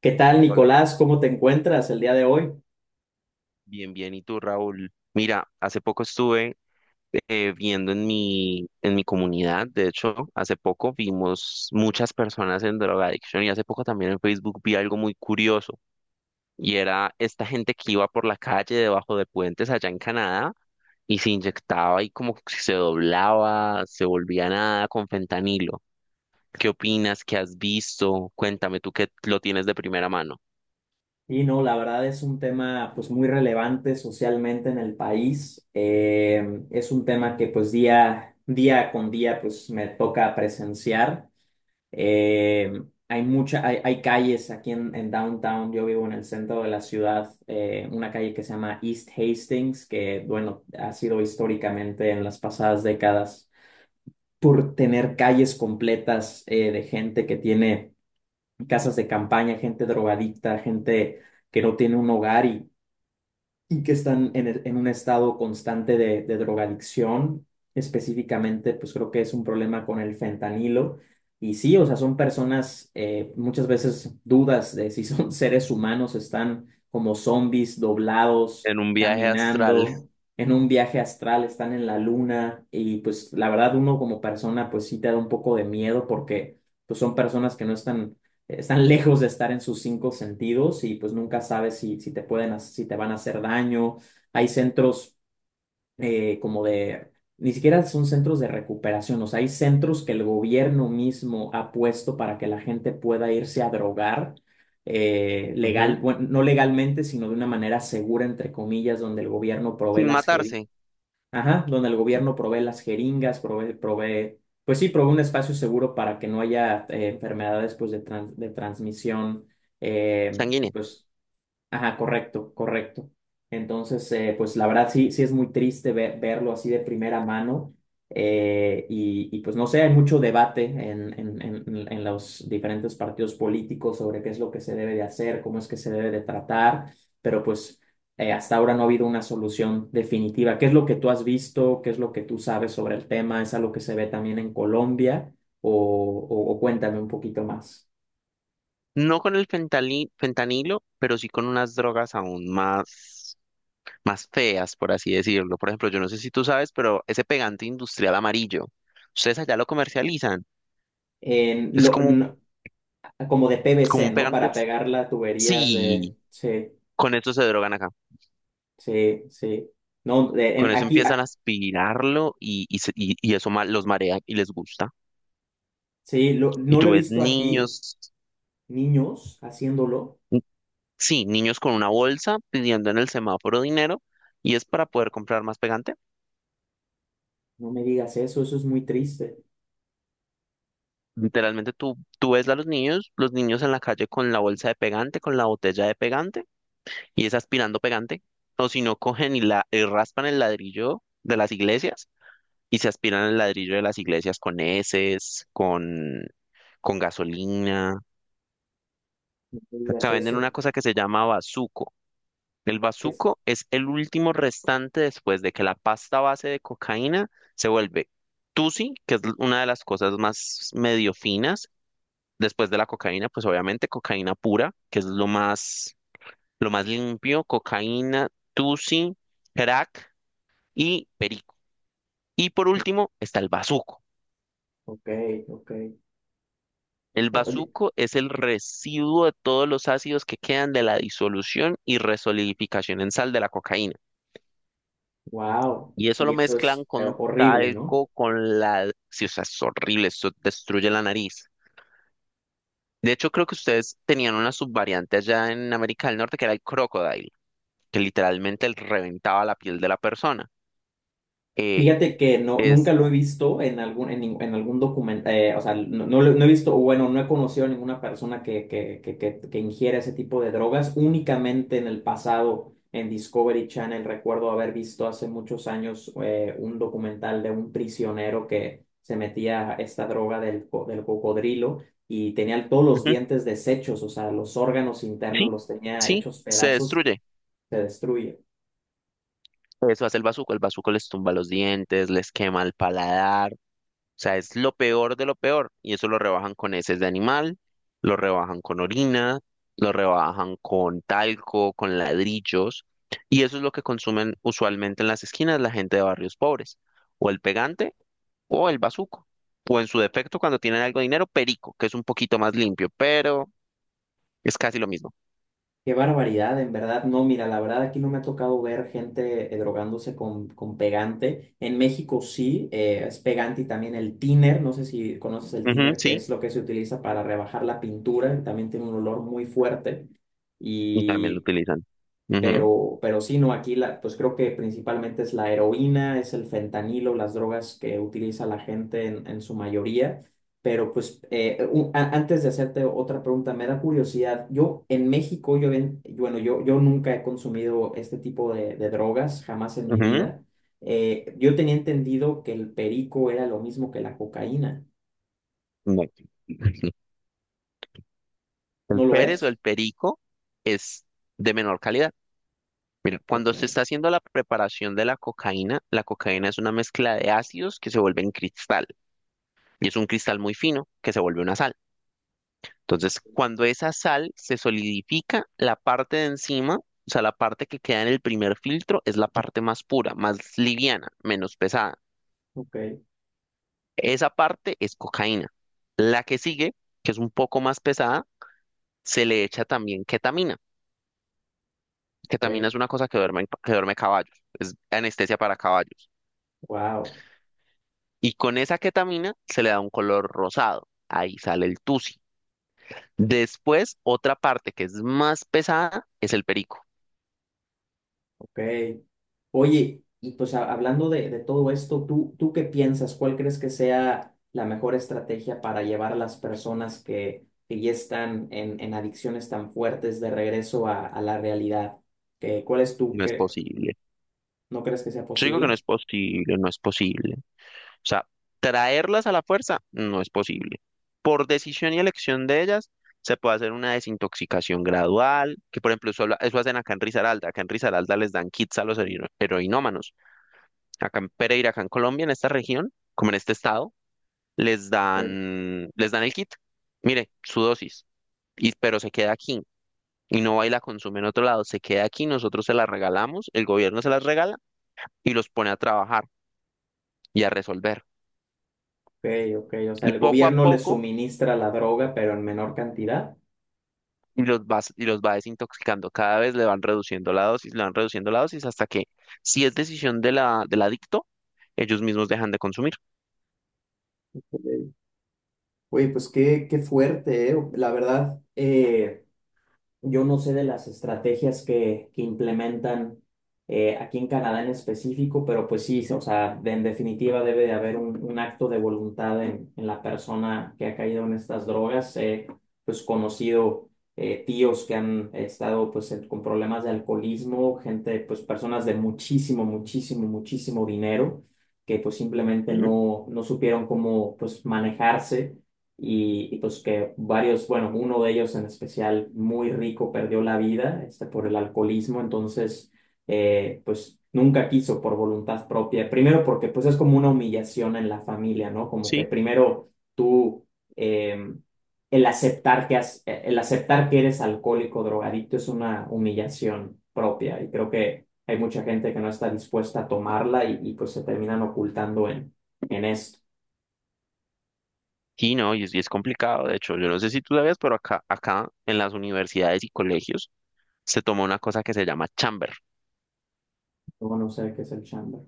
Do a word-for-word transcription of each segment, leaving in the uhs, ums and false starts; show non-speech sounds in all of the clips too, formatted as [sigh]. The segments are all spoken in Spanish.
¿Qué tal, Hola Nicolás? Raúl, ¿Cómo te encuentras el día de hoy? bien, bien. ¿Y tú, Raúl? Mira, hace poco estuve eh, viendo en mi, en mi comunidad, de hecho, hace poco vimos muchas personas en drogadicción y hace poco también en Facebook vi algo muy curioso y era esta gente que iba por la calle debajo de puentes allá en Canadá y se inyectaba y como que se doblaba, se volvía nada con fentanilo. ¿Qué opinas? ¿Qué has visto? Cuéntame tú que lo tienes de primera mano Y no, la verdad es un tema pues muy relevante socialmente en el país. Eh, es un tema que pues día, día con día pues me toca presenciar. Eh, hay mucha, hay, hay calles aquí en, en Downtown. Yo vivo en el centro de la ciudad. Eh, una calle que se llama East Hastings, que bueno, ha sido históricamente en las pasadas décadas por tener calles completas eh, de gente que tiene casas de campaña, gente drogadicta, gente que no tiene un hogar, y, y que están en, el- en un estado constante de, de drogadicción. Específicamente, pues creo que es un problema con el fentanilo. Y sí, o sea, son personas, eh, muchas veces dudas de si son [laughs] seres humanos, están como zombies doblados, en un viaje astral. caminando. En un viaje astral, están en la luna, y pues la verdad uno como persona pues sí te da un poco de miedo, porque pues son personas que no están, eh, están lejos de estar en sus cinco sentidos, y pues nunca sabes si, si te pueden, ha- si te van a hacer daño. Hay centros eh, como de, ni siquiera son centros de recuperación, o sea, hay centros que el gobierno mismo ha puesto para que la gente pueda irse a drogar. Eh, [laughs] legal, Ujú. bueno, no legalmente, sino de una manera segura, entre comillas, donde el gobierno provee Sin las jeringas. matarse, Ajá, donde el gobierno provee las jeringas, provee, provee, pues sí, provee un espacio seguro para que no haya eh, enfermedades pues, de, tran- de transmisión. eh, sanguíneo. pues, Ajá, correcto, correcto. Entonces, eh, pues la verdad sí, sí es muy triste ver- verlo así de primera mano. eh, y, y, pues no sé, hay mucho debate en, en, en, en los diferentes partidos políticos sobre qué es lo que se debe de hacer, cómo es que se debe de tratar, pero pues eh, hasta ahora no ha habido una solución definitiva. ¿Qué es lo que tú has visto? ¿Qué es lo que tú sabes sobre el tema? ¿Es algo que se ve también en Colombia? O, o, o cuéntame un poquito más. No con el fentali- fentanilo, pero sí con unas drogas aún más, más feas, por así decirlo. Por ejemplo, yo no sé si tú sabes, pero ese pegante industrial amarillo, ustedes allá lo comercializan. En Es lo, como, un- no, como de como P V C, un ¿no? pegante. Para pegar las tuberías de... Sí, Sí, con eso se drogan acá. sí, sí. No, de- Con en, eso Aquí, empiezan a ah, aspirarlo y, y, se- y- y eso ma- los marea y les gusta. sí, lo- Y no lo tú he ves visto aquí, niños, niños haciéndolo. n- sí, niños con una bolsa pidiendo en el semáforo dinero y es para poder comprar más pegante. No me digas eso, eso es muy triste. Literalmente tú, tú ves a los niños, los niños en la calle con la bolsa de pegante, con la botella de pegante, y es aspirando pegante, o si no cogen y, la, y raspan el ladrillo de las iglesias y se aspiran el ladrillo de las iglesias con heces, con, con gasolina. No me digas Acá venden una eso. cosa que se llama bazuco. El ¿Qué es? bazuco es el último restante después de que la pasta base de cocaína se vuelve tusi, que es una de las cosas más medio finas. Después de la cocaína, pues obviamente cocaína pura, que es lo más, lo más limpio, cocaína, tusi, crack y perico. Y por último está el bazuco. Ok, ok. El bazuco es el residuo de todos los ácidos que quedan de la disolución y resolidificación en sal de la cocaína. Wow. Y eso Y lo eso mezclan es eh, con horrible, ¿no? talco, con la... Sí, o sea, es horrible, eso destruye la nariz. De hecho, creo que ustedes tenían una subvariante allá en América del Norte que era el crocodile, que literalmente reventaba la piel de la persona. Eh, Fíjate que no, nunca es, lo he visto en algún, en, nin- en algún documento, o sea, no, no, lo- no he visto, o bueno, no he conocido a ninguna persona que, que, que, que, que ingiera ese tipo de drogas. Únicamente en el pasado, en Discovery Channel, recuerdo haber visto hace muchos años eh, un documental de un prisionero que se metía esta droga del, co- del cocodrilo, y tenía todos los ujú, dientes deshechos, o sea, los órganos internos sí, los tenía sí, hechos se pedazos, destruye. se destruye. Eso hace el bazuco. El bazuco les tumba los dientes, les quema el paladar. O sea, es lo peor de lo peor. Y eso lo rebajan con heces de animal, lo rebajan con orina, lo rebajan con talco, con ladrillos. Y eso es lo que consumen usualmente en las esquinas la gente de barrios pobres. O el pegante o el bazuco. O en su defecto, cuando tienen algo de dinero, perico, que es un poquito más limpio, pero es casi lo mismo. Qué barbaridad, en verdad. No, mira, la verdad aquí no me ha tocado ver gente eh, drogándose con, con pegante. En México sí, eh, es pegante y también el thinner. No sé si conoces el Ujú, thinner, que sí, es lo que se utiliza para rebajar la pintura. También tiene un olor muy fuerte. y también lo Y utilizan. Ujú, pero, pero sí, no, aquí la, pues creo que principalmente es la heroína, es el fentanilo, las drogas que utiliza la gente en, en su mayoría. Pero pues eh, un- a- antes de hacerte otra pregunta, me da curiosidad. Yo en México, yo, ven- bueno, yo, yo nunca he consumido este tipo de, de drogas, jamás en mi ujú, vida. Eh, yo tenía entendido que el perico era lo mismo que la cocaína. no. El ¿No lo Pérez o es? el perico es de menor calidad. Mira, Ok, cuando se está haciendo la preparación de la cocaína, la cocaína es una mezcla de ácidos que se vuelven cristal, y es un cristal muy fino que se vuelve una sal. Entonces, cuando esa sal se solidifica, la parte de encima, o sea, la parte que queda en el primer filtro, es la parte más pura, más liviana, menos pesada. ok, Esa parte es cocaína. La que sigue, que es un poco más pesada, se le echa también ketamina. ok. Ketamina es una cosa que duerme, que duerme caballos, es anestesia para caballos. Wow. Y con esa ketamina se le da un color rosado. Ahí sale el tusi. Después, otra parte que es más pesada es el perico. Ok. Oye, y pues ha- hablando de, de todo esto, ¿tú, tú qué piensas? ¿Cuál crees que sea la mejor estrategia para llevar a las personas que, que ya están en, en adicciones tan fuertes de regreso a, a la realidad? ¿Qué- cuál es tu, No es cre- posible. ¿No crees que sea Yo digo que no posible? es posible, no es posible. O sea, traerlas a la fuerza no es posible. Por decisión y elección de ellas, se puede hacer una desintoxicación gradual, que por ejemplo, eso, lo- eso hacen acá en Risaralda. Acá en Risaralda les dan kits a los hero- heroinómanos. Acá en Pereira, acá en Colombia, en esta región, como en este estado, les Ok, dan, les dan el kit. Mire, su dosis, y, pero se queda aquí. Y no va y la consume en otro lado, se queda aquí, nosotros se la regalamos, el gobierno se las regala y los pone a trabajar y a resolver. ok, o sea, Y el poco a gobierno les poco suministra la droga, pero en menor cantidad. y los vas, y los va desintoxicando. Cada vez le van reduciendo la dosis, le van reduciendo la dosis hasta que, si es decisión de la, del adicto, ellos mismos dejan de consumir. Ok. Oye, pues qué, qué fuerte, ¿eh? La verdad, eh, yo no sé de las estrategias que, que implementan eh, aquí en Canadá en específico, pero pues sí, o sea, de- en definitiva debe de haber un, un acto de voluntad en, en la persona que ha caído en estas drogas. He pues conocido eh, tíos que han estado pues en- con problemas de alcoholismo, gente, pues personas de muchísimo, muchísimo, muchísimo dinero que pues simplemente Mm. no, no supieron cómo pues manejarse y, y, pues que varios, bueno, uno de ellos en especial muy rico perdió la vida este, por el alcoholismo, entonces eh, pues nunca quiso por voluntad propia, primero porque pues es como una humillación en la familia, ¿no? Como que Sí, primero tú, eh, el aceptar que has- eh, el aceptar que eres alcohólico, drogadicto es una humillación propia, y creo que hay mucha gente que no está dispuesta a tomarla y, y, pues se terminan ocultando en, en esto. sí, no, y es, y es complicado. De hecho, yo no sé si tú sabías, pero acá, acá en las universidades y colegios se toma una cosa que se llama chamber. Luego no sé qué es el chamber.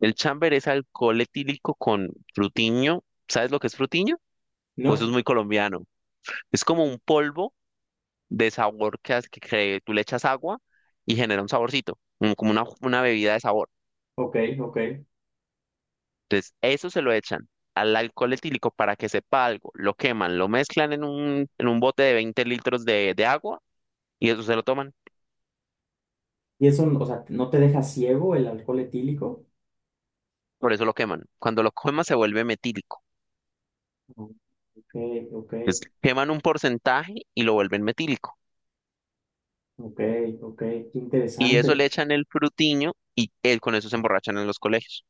El chamber es alcohol etílico con frutiño. ¿Sabes lo que es frutiño? Pues eso es No, muy colombiano. Es como un polvo de sabor que, hace- que que tú le echas agua y genera un saborcito, mm, como una, una bebida de sabor. Ok, ok. Entonces, eso se lo echan al alcohol etílico para que sepa algo, lo queman, lo mezclan en un, en un bote de veinte litros de, de agua y eso se lo toman, ¿Y eso, o sea, no te deja ciego el alcohol etílico? por eso lo queman. Cuando lo queman se vuelve metílico. Ok, ok, Entonces, queman un porcentaje y lo vuelven metílico. ok, ok. Qué Y eso interesante. le echan el frutiño y él, con eso se emborrachan en los colegios.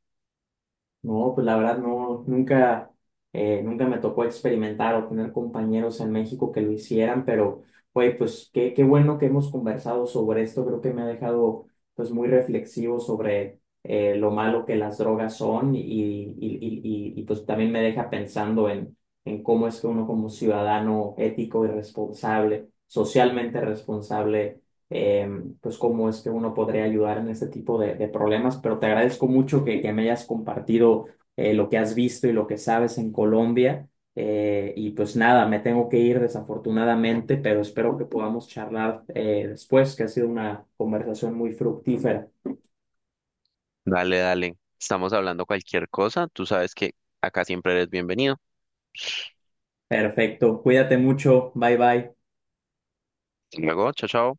No, pues la verdad no, nunca, eh, nunca me tocó experimentar o tener compañeros en México que lo hicieran, pero, güey, pues qué, qué bueno que hemos conversado sobre esto, creo que me ha dejado pues muy reflexivo sobre eh, lo malo que las drogas son, y, y, y, y, y, pues también me deja pensando en, en cómo es que uno como ciudadano ético y responsable, socialmente responsable, eh, pues cómo es que uno podría ayudar en este tipo de, de problemas, pero te agradezco mucho que, que me hayas compartido eh, lo que has visto y lo que sabes en Colombia. Eh, y pues nada, me tengo que ir desafortunadamente, pero espero que podamos charlar eh, después, que ha sido una conversación muy fructífera. Dale, dale, estamos hablando cualquier cosa, tú sabes que acá siempre eres bienvenido. Perfecto, cuídate mucho, bye bye. Hasta luego, chao, chao.